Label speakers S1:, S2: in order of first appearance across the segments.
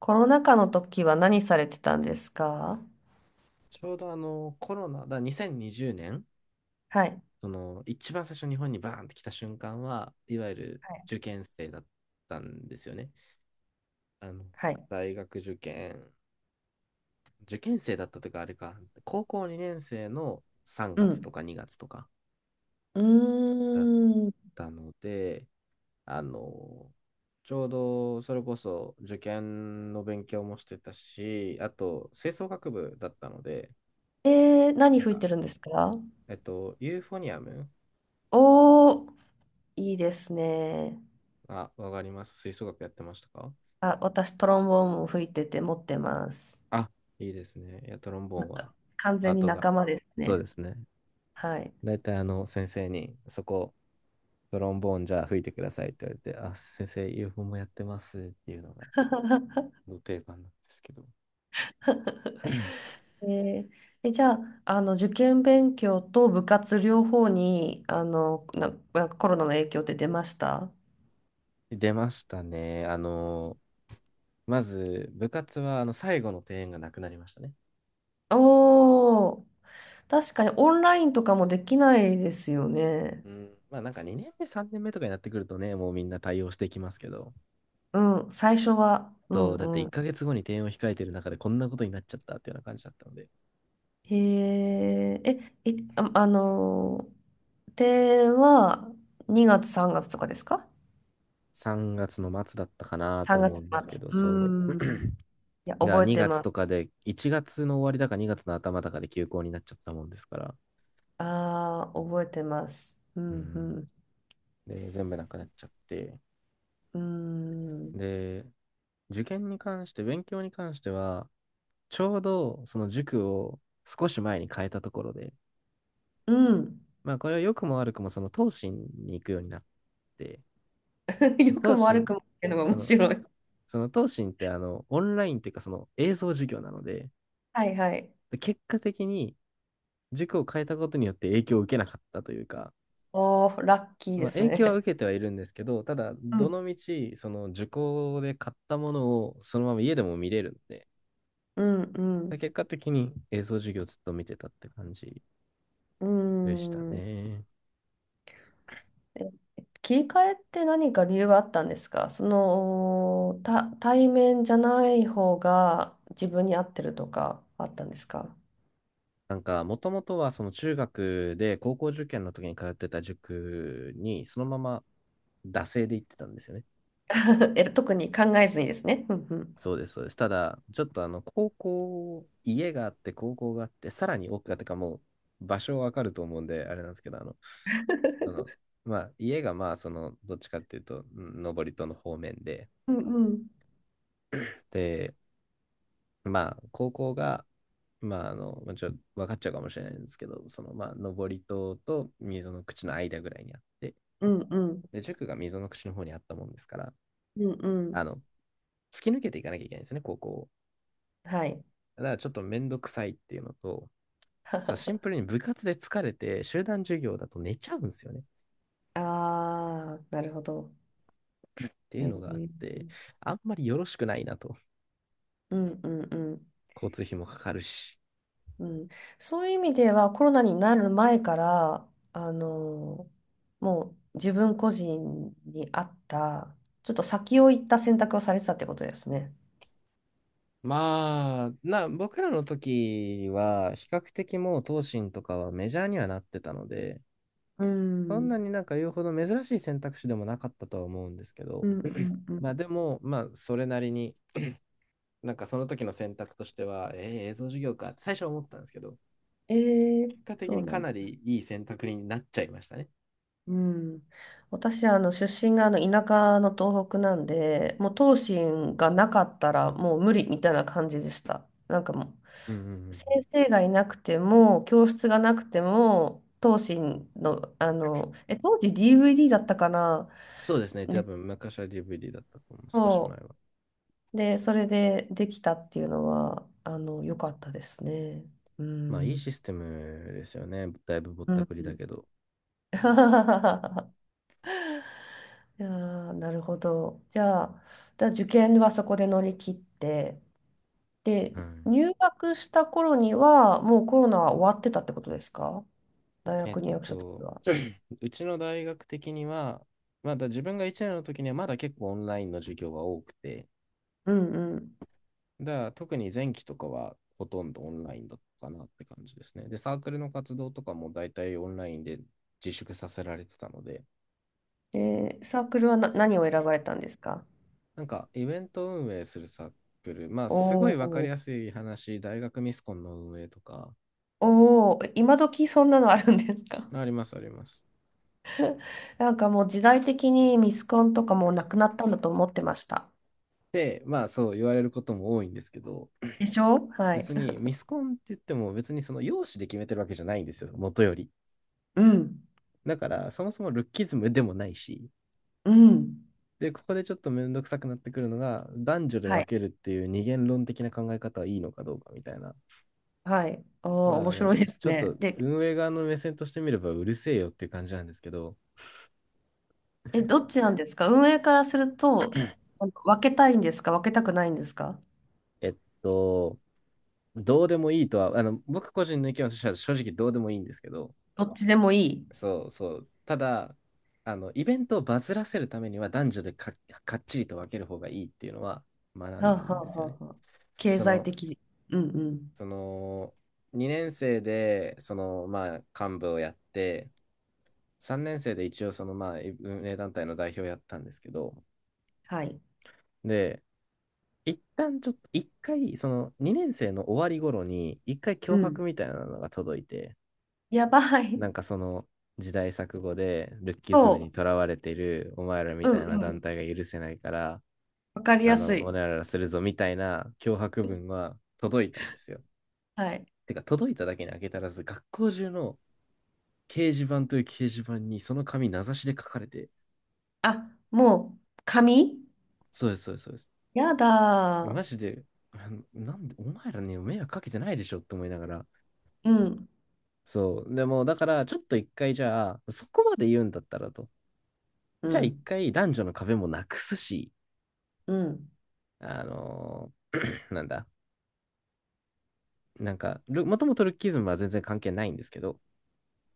S1: コロナ禍の時は何されてたんですか？
S2: ちょうどコロナ、2020年、
S1: はい。
S2: その一番最初日本にバーンって来た瞬間は、いわゆる
S1: はい。
S2: 受験生だったんですよね。あの
S1: はい。
S2: 大学受験、受験生だったというか、あれか、高校2年生の3
S1: う
S2: 月と
S1: ん。
S2: か2月とか
S1: う
S2: だっ
S1: ーん。
S2: たので、あの、ちょうどそれこそ受験の勉強もしてたし、あと吹奏楽部だったので、
S1: えー、何
S2: なん
S1: 吹い
S2: か、
S1: てるんですか？
S2: ユーフォニアム。
S1: おー、いいですね。
S2: あ、わかります。吹奏楽やってましたか？
S1: あ、私、トロンボーンも吹いてて持ってます。
S2: あ、いいですね。いや、トロンボーン
S1: な
S2: は、
S1: 完
S2: パ
S1: 全
S2: ー
S1: に
S2: トが。
S1: 仲間です
S2: そう
S1: ね。
S2: ですね。
S1: はい。
S2: だいたい先生に、そこ、トロンボーンじゃあ吹いてくださいって言われて、あ、先生、UFO もやってますっていうのが、の定番なんですけど。
S1: えーえ、じゃあ、受験勉強と部活両方に、あの、な、なコロナの影響って出ました？
S2: 出ましたね。まず、部活は、最後の定演がなくなりましたね。
S1: おー、確かにオンラインとかもできないですよね。
S2: うん、まあなんか2年目、3年目とかになってくるとね、もうみんな対応していきますけど、
S1: うん、最初は。う
S2: そ
S1: ん
S2: う、だって
S1: う
S2: 1
S1: ん。
S2: ヶ月後に定演を控えてる中でこんなことになっちゃったっていうような感じだったので、
S1: へえ、あ、では2月、3月とかですか？
S2: 3月の末だったかなと
S1: 3 月
S2: 思うんですけ
S1: 末？
S2: ど、
S1: うー
S2: そ
S1: ん。いや、
S2: う。が
S1: 覚えて
S2: 2月
S1: ます。
S2: とかで、1月の終わりだか2月の頭だかで休校になっちゃったもんですから、
S1: ああ、覚えてます。う
S2: う
S1: んう
S2: ん。
S1: ん。
S2: で、全部なくなっちゃって、
S1: うーん。
S2: で、受験に関して、勉強に関しては、ちょうどその塾を少し前に変えたところで、
S1: うん。
S2: まあこれは良くも悪くもその東進に行くようになって、
S1: 良く
S2: 東
S1: も悪
S2: 進、
S1: くもっていうのが
S2: そ
S1: 面
S2: の、
S1: 白い。
S2: その東進ってオンラインっていうかその映像授業なので、
S1: はいはい。
S2: で結果的に塾を変えたことによって影響を受けなかったというか、
S1: おー、ラッキーで
S2: まあ、
S1: す
S2: 影響は
S1: ね。
S2: 受けてはいるんですけど、ただ、
S1: う
S2: ど
S1: ん
S2: の道その受講で買ったものをそのまま家でも見れるんで、
S1: うんうん。
S2: 結果的に映像授業ずっと見てたって感じ
S1: うー
S2: でした
S1: ん。
S2: ね。
S1: え切り替えって何か理由はあったんですか？その、対面じゃない方が自分に合ってるとかあったんですか？
S2: もともとはその中学で高校受験の時に通ってた塾に、そのまま惰性で行ってたんですよね。
S1: え、特に考えずにですね。うんうん。
S2: そうです、そうです。ただ、ちょっとあの、高校、家があって、高校があって、さらに奥がってか、もう場所わかると思うんで、あれなんですけど、その、まあ、家がまあ、どっちかっていうと、上り登戸の方面で、
S1: うんうん。
S2: で、まあ、高校が、まあ、ちょっと分かっちゃうかもしれないんですけど、まあ、登り戸と溝の口の間ぐらいにあって、
S1: うんうん。
S2: で、塾が溝の口の方にあったもんですから、
S1: うんうん。
S2: あの、突き抜けていかなきゃいけないんですよね、高校を。
S1: はい。
S2: だからちょっとめんどくさいっていうのと、シン プルに部活で疲れて、集団授業だと寝ちゃうんですよね。っ
S1: ああ、なるほど。
S2: ていう
S1: え
S2: のがあっ
S1: ー
S2: て、あんまりよろしくないなと。
S1: うんうんうん。
S2: 交通費もかかるし。
S1: うん、そういう意味ではコロナになる前からあのもう自分個人に合ったちょっと先を行った選択をされてたってことですね。
S2: 僕らの時は、比較的もう、東進とかはメジャーにはなってたので、
S1: うん、
S2: そ
S1: う
S2: んな
S1: ん
S2: になんか言うほど珍しい選択肢でもなかったとは思うんですけ
S1: う
S2: ど、
S1: んう ん。
S2: まあでも、まあ、それなりに、なんかその時の選択としては、映像授業かって最初は思ってたんですけど、
S1: えー、
S2: 結果的
S1: そ
S2: に
S1: うな
S2: か
S1: んだ。
S2: なりいい選択になっちゃいましたね。
S1: うん、私出身があの田舎の東北なんで、もう東進がなかったらもう無理みたいな感じでした。なんか、もう
S2: うんうんうんうん。
S1: 先生がいなくても教室がなくても東進のあのえ当時 DVD だったかな。
S2: そうですね。多
S1: で、
S2: 分、昔は DVD だったと思う、少し前
S1: そ
S2: は。
S1: うで、それでできたっていうのは良かったですね。う
S2: まあ、いい
S1: ん
S2: システムですよね。だいぶぼっ
S1: う
S2: た
S1: ん。
S2: くりだけど。
S1: いやー、なるほど。じゃあ、受験はそこで乗り切って、で、
S2: うん。
S1: 入学した頃には、もうコロナは終わってたってことですか？大
S2: えっ
S1: 学入学した時
S2: と、
S1: は。
S2: うちの大学的には、まだ自分が1年の時にはまだ結構オンラインの授業が多くて、
S1: うんうん。
S2: だから特に前期とかはほとんどオンラインだったかなって感じですね。で、サークルの活動とかも大体オンラインで自粛させられてたので、
S1: で、サークルは何を選ばれたんですか？
S2: イベント運営するサークル、まあ
S1: お
S2: すごいわか
S1: お
S2: りや
S1: ー、
S2: すい話、大学ミスコンの運営とか、
S1: おー、今時そんなのあるんですか？
S2: ありますあります。
S1: なんかもう時代的にミスコンとかもうなくなったんだと思ってました。
S2: で、まあそう言われることも多いんですけど、
S1: でしょ？はい。
S2: 別にミスコンって言っても別にその容姿で決めてるわけじゃないんですよ、元より。
S1: うん。
S2: だから、そもそもルッキズムでもないし、
S1: うん。
S2: で、ここでちょっとめんどくさくなってくるのが、男女で
S1: は
S2: 分
S1: い。
S2: けるっていう二元論的な考え方はいいのかどうかみたいな。
S1: はい。おあ、
S2: まあ、
S1: 面白いです
S2: ちょっと
S1: ね。で、
S2: 運営側の目線としてみればうるせえよっていう感じなんですけど、
S1: え、どっちなんですか、運営からすると？分けたいんですか、分けたくないんですか？
S2: えっと、どうでもいいとは、僕個人の意見としては正直どうでもいいんですけど、
S1: どっちでもいい。
S2: そうそう。ただ、イベントをバズらせるためには男女でか、かっちりと分ける方がいいっていうのは学ん
S1: はあ、
S2: だん
S1: はあ
S2: です
S1: は
S2: よね。
S1: あはあ、経
S2: そ
S1: 済
S2: の、
S1: 的。うんうん。
S2: その2年生でそのまあ幹部をやって、3年生で一応そのまあ運営団体の代表をやったんですけど、
S1: はい。
S2: で一旦ちょっと一回その2年生の終わり頃に一回
S1: う
S2: 脅
S1: ん。
S2: 迫みたいなのが届いて、
S1: やばい。
S2: なんかその時代錯誤でルッキズムに
S1: そ
S2: とらわれてるお前らみ
S1: う。うん
S2: たいな
S1: う
S2: 団
S1: ん。
S2: 体が許せないから、
S1: わかり
S2: あ
S1: やす
S2: のお
S1: い。
S2: ねららするぞみたいな脅迫文は届いたんですよ。
S1: はい。
S2: てか届いただけに開けたらず学校中の掲示板という掲示板にその紙名指しで書かれて、
S1: あ、もう、紙。
S2: そうです、そうです、そうです。
S1: やだ
S2: マ
S1: ー。
S2: ジで、あのなんで、お前らに迷惑かけてないでしょって思いながら。
S1: うん、
S2: そう。でも、だから、ちょっと一回じゃあ、そこまで言うんだったらと。
S1: う
S2: じゃあ一
S1: ん、
S2: 回男女の壁もなくすし、
S1: うん、
S2: なんだ、なんか、もともとルッキズムは全然関係ないんですけど、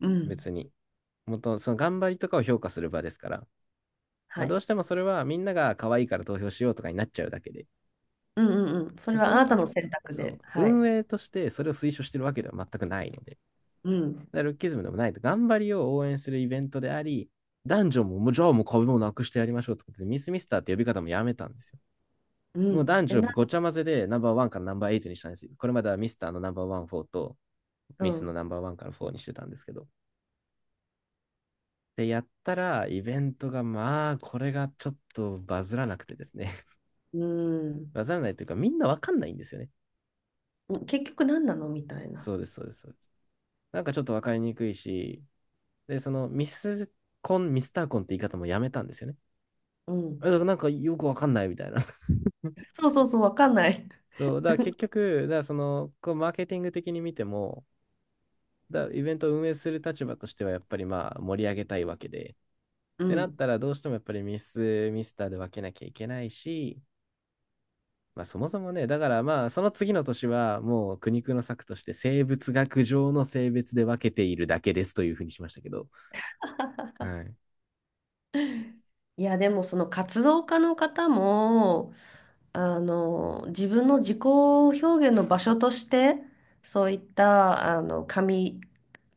S1: うん。
S2: 別に。その頑張りとかを評価する場ですから。
S1: は
S2: まあ、ど
S1: い。
S2: うしてもそれはみんなが可愛いから投票しようとかになっちゃうだけで。
S1: うんうんうん。それ
S2: そ
S1: はあ
S2: も
S1: な
S2: そ
S1: た
S2: も
S1: の
S2: ね、
S1: 選択
S2: そう、
S1: で。はい。
S2: 運営としてそれを推奨してるわけでは全くないので、
S1: うん、
S2: だからルッキズムでもないと、頑張りを応援するイベントであり、男女も、もうじゃあもう壁もなくしてやりましょうってことで、ミスミスターって呼び方もやめたんですよ。
S1: う
S2: もう
S1: ん。
S2: 男女ごちゃ混ぜでナンバーワンからナンバーエイトにしたんですよ。これまではミスターのナンバーワン、フォーと、
S1: う
S2: ミスの
S1: ん、
S2: ナンバーワンからフォーにしてたんですけど。で、やったら、イベントが、まあ、これがちょっとバズらなくてですね。
S1: うん。
S2: バズらないというか、みんなわかんないんですよね。
S1: 結局何なのみたいな。
S2: そうです、そうです、そうです。なんかちょっとわかりにくいし、で、そのミスコン、ミスターコンって言い方もやめたんですよね。
S1: う
S2: だ
S1: ん。
S2: からなんかよくわかんないみたいな。
S1: そうそうそう、わかんない。
S2: そう、だから結局、だからその、こうマーケティング的に見ても、イベントを運営する立場としてはやっぱり盛り上げたいわけで、っ
S1: う
S2: てなっ
S1: ん。
S2: たらどうしてもやっぱりミスターで分けなきゃいけないし、まあそもそもね、だからまあその次の年はもう苦肉の策として生物学上の性別で分けているだけですというふうにしましたけど、はい。
S1: いや、でもその活動家の方も、自分の自己表現の場所として、そういった、紙、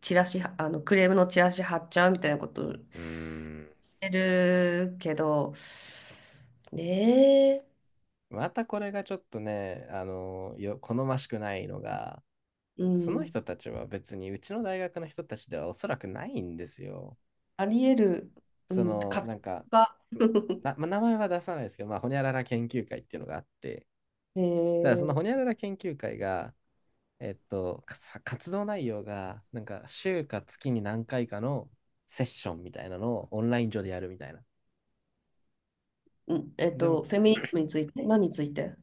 S1: チラシ、クレームのチラシ貼っちゃうみたいなことし
S2: うーん。
S1: てるけど、ねえ。
S2: またこれがちょっとね、好ましくないのが、
S1: う
S2: その
S1: ん、
S2: 人たちは別にうちの大学の人たちではおそらくないんですよ。
S1: あり得る。う
S2: そ
S1: ん、
S2: の、
S1: 活
S2: な
S1: 動
S2: んか、
S1: が、
S2: な、まあ、名前は出さないですけど、まあ、ほにゃらら研究会っていうのがあって、
S1: え
S2: ただそのほにゃ
S1: ー
S2: らら研究会が、活動内容が、なんか、週か月に何回かのセッションみたいなのをオンライン上でやるみたいな。
S1: うん、
S2: でも、
S1: フェミニズムについて、何について？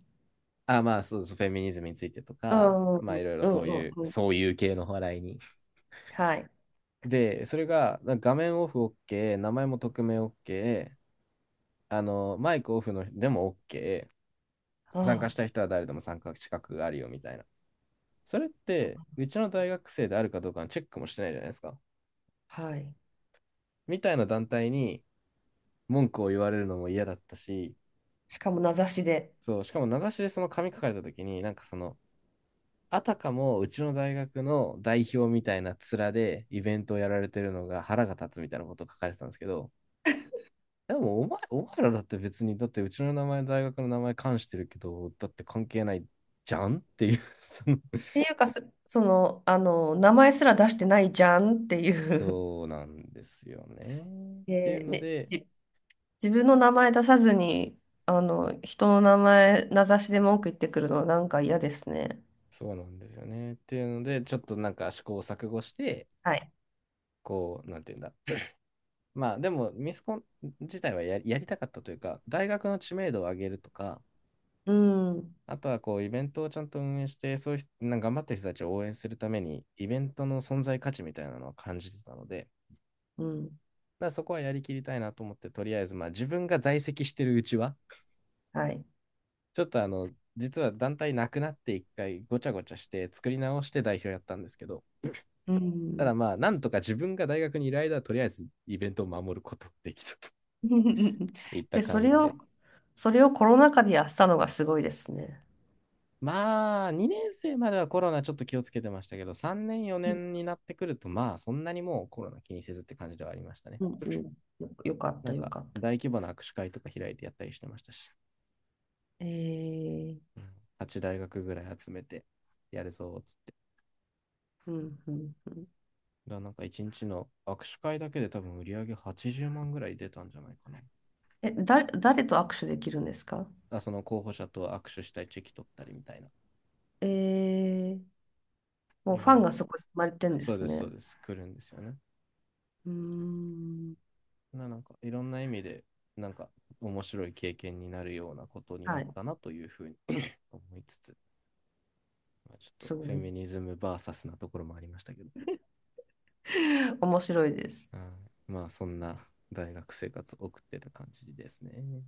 S2: あ、まあ、そうそう、フェミニズムについてと
S1: う
S2: か、
S1: ん、うん、
S2: まあ、いろいろ
S1: うん、うん。
S2: そういう系の話題に。
S1: はい。
S2: で、それが画面オフ OK、名前も匿名 OK、あの、マイクオフの人でも OK、参
S1: あ
S2: 加したい人は誰でも参加資格があるよみたいな。それって、うちの大学生であるかどうかのチェックもしてないじゃないですか。
S1: あ、はい。
S2: みたいな団体に文句を言われるのも嫌だったし、
S1: しかも名指しで。
S2: そう、しかも名指しでその紙書かれた時に、あたかもうちの大学の代表みたいな面でイベントをやられてるのが腹が立つみたいなことを書かれてたんですけど、でもお前、お前らだって別に、だってうちの名前、大学の名前冠してるけど、だって関係ないじゃんっていう その
S1: っていうか、その、名前すら出してないじゃんっていう。
S2: そうなんですよね。っていう
S1: で、
S2: の
S1: ね、
S2: で、
S1: 自分の名前出さずに、人の名前、名指しで文句言ってくるのはなんか嫌ですね。
S2: そうなんですよね。っていうので、ちょっとなんか試行錯誤して、
S1: はい。
S2: こう、なんていうんだ。まあでも、ミスコン自体はや、やりたかったというか、大学の知名度を上げるとか、
S1: うん。
S2: あとはこうイベントをちゃんと運営して、そういう人なんか頑張ってる人たちを応援するために、イベントの存在価値みたいなのは感じてたので、
S1: うん。
S2: そこはやりきりたいなと思って、とりあえず、まあ自分が在籍してるうちは、
S1: はい。
S2: ちょっとあの、実は団体なくなって一回ごちゃごちゃして作り直して代表やったんですけど、
S1: う
S2: た
S1: ん。
S2: だまあ、なんとか自分が大学にいる間はとりあえずイベントを守ることができたと いった
S1: で、そ
S2: 感
S1: れ
S2: じ
S1: を、
S2: で。
S1: それをコロナ禍でやったのがすごいですね。
S2: まあ、2年生まではコロナちょっと気をつけてましたけど、3年、
S1: う
S2: 4
S1: ん
S2: 年になってくると、まあ、そんなにもうコロナ気にせずって感じではありましたね。
S1: うんうん。よかっ
S2: な
S1: た、
S2: ん
S1: よ
S2: か、
S1: かった。
S2: 大規模な握手会とか開いてやったりしてましたし、
S1: えー、
S2: 8大学ぐらい集めてやるぞ、つって。
S1: うん、うん、うん。
S2: だからなんか一日の握手会だけで多分売り上げ80万ぐらい出たんじゃないかな。
S1: え、誰と握手できるんですか？
S2: その候補者と握手したいチェキ取ったりみたいな。
S1: えー、もう
S2: 意
S1: ファン
S2: 外
S1: が
S2: と。
S1: そこに生まれてんで
S2: そう
S1: す
S2: です、そう
S1: ね。
S2: です。来るんですよね。
S1: うーん。
S2: なんかいろんな意味で、なんか面白い経験になるようなことにな
S1: は
S2: っ
S1: い。
S2: たなというふうに 思いつつ、まあ、ちょっと
S1: す
S2: フ
S1: ご
S2: ェ
S1: い。
S2: ミニズムバーサスなところもありましたけど、
S1: 面白いです。
S2: うんまあそんな大学生活を送ってた感じですね。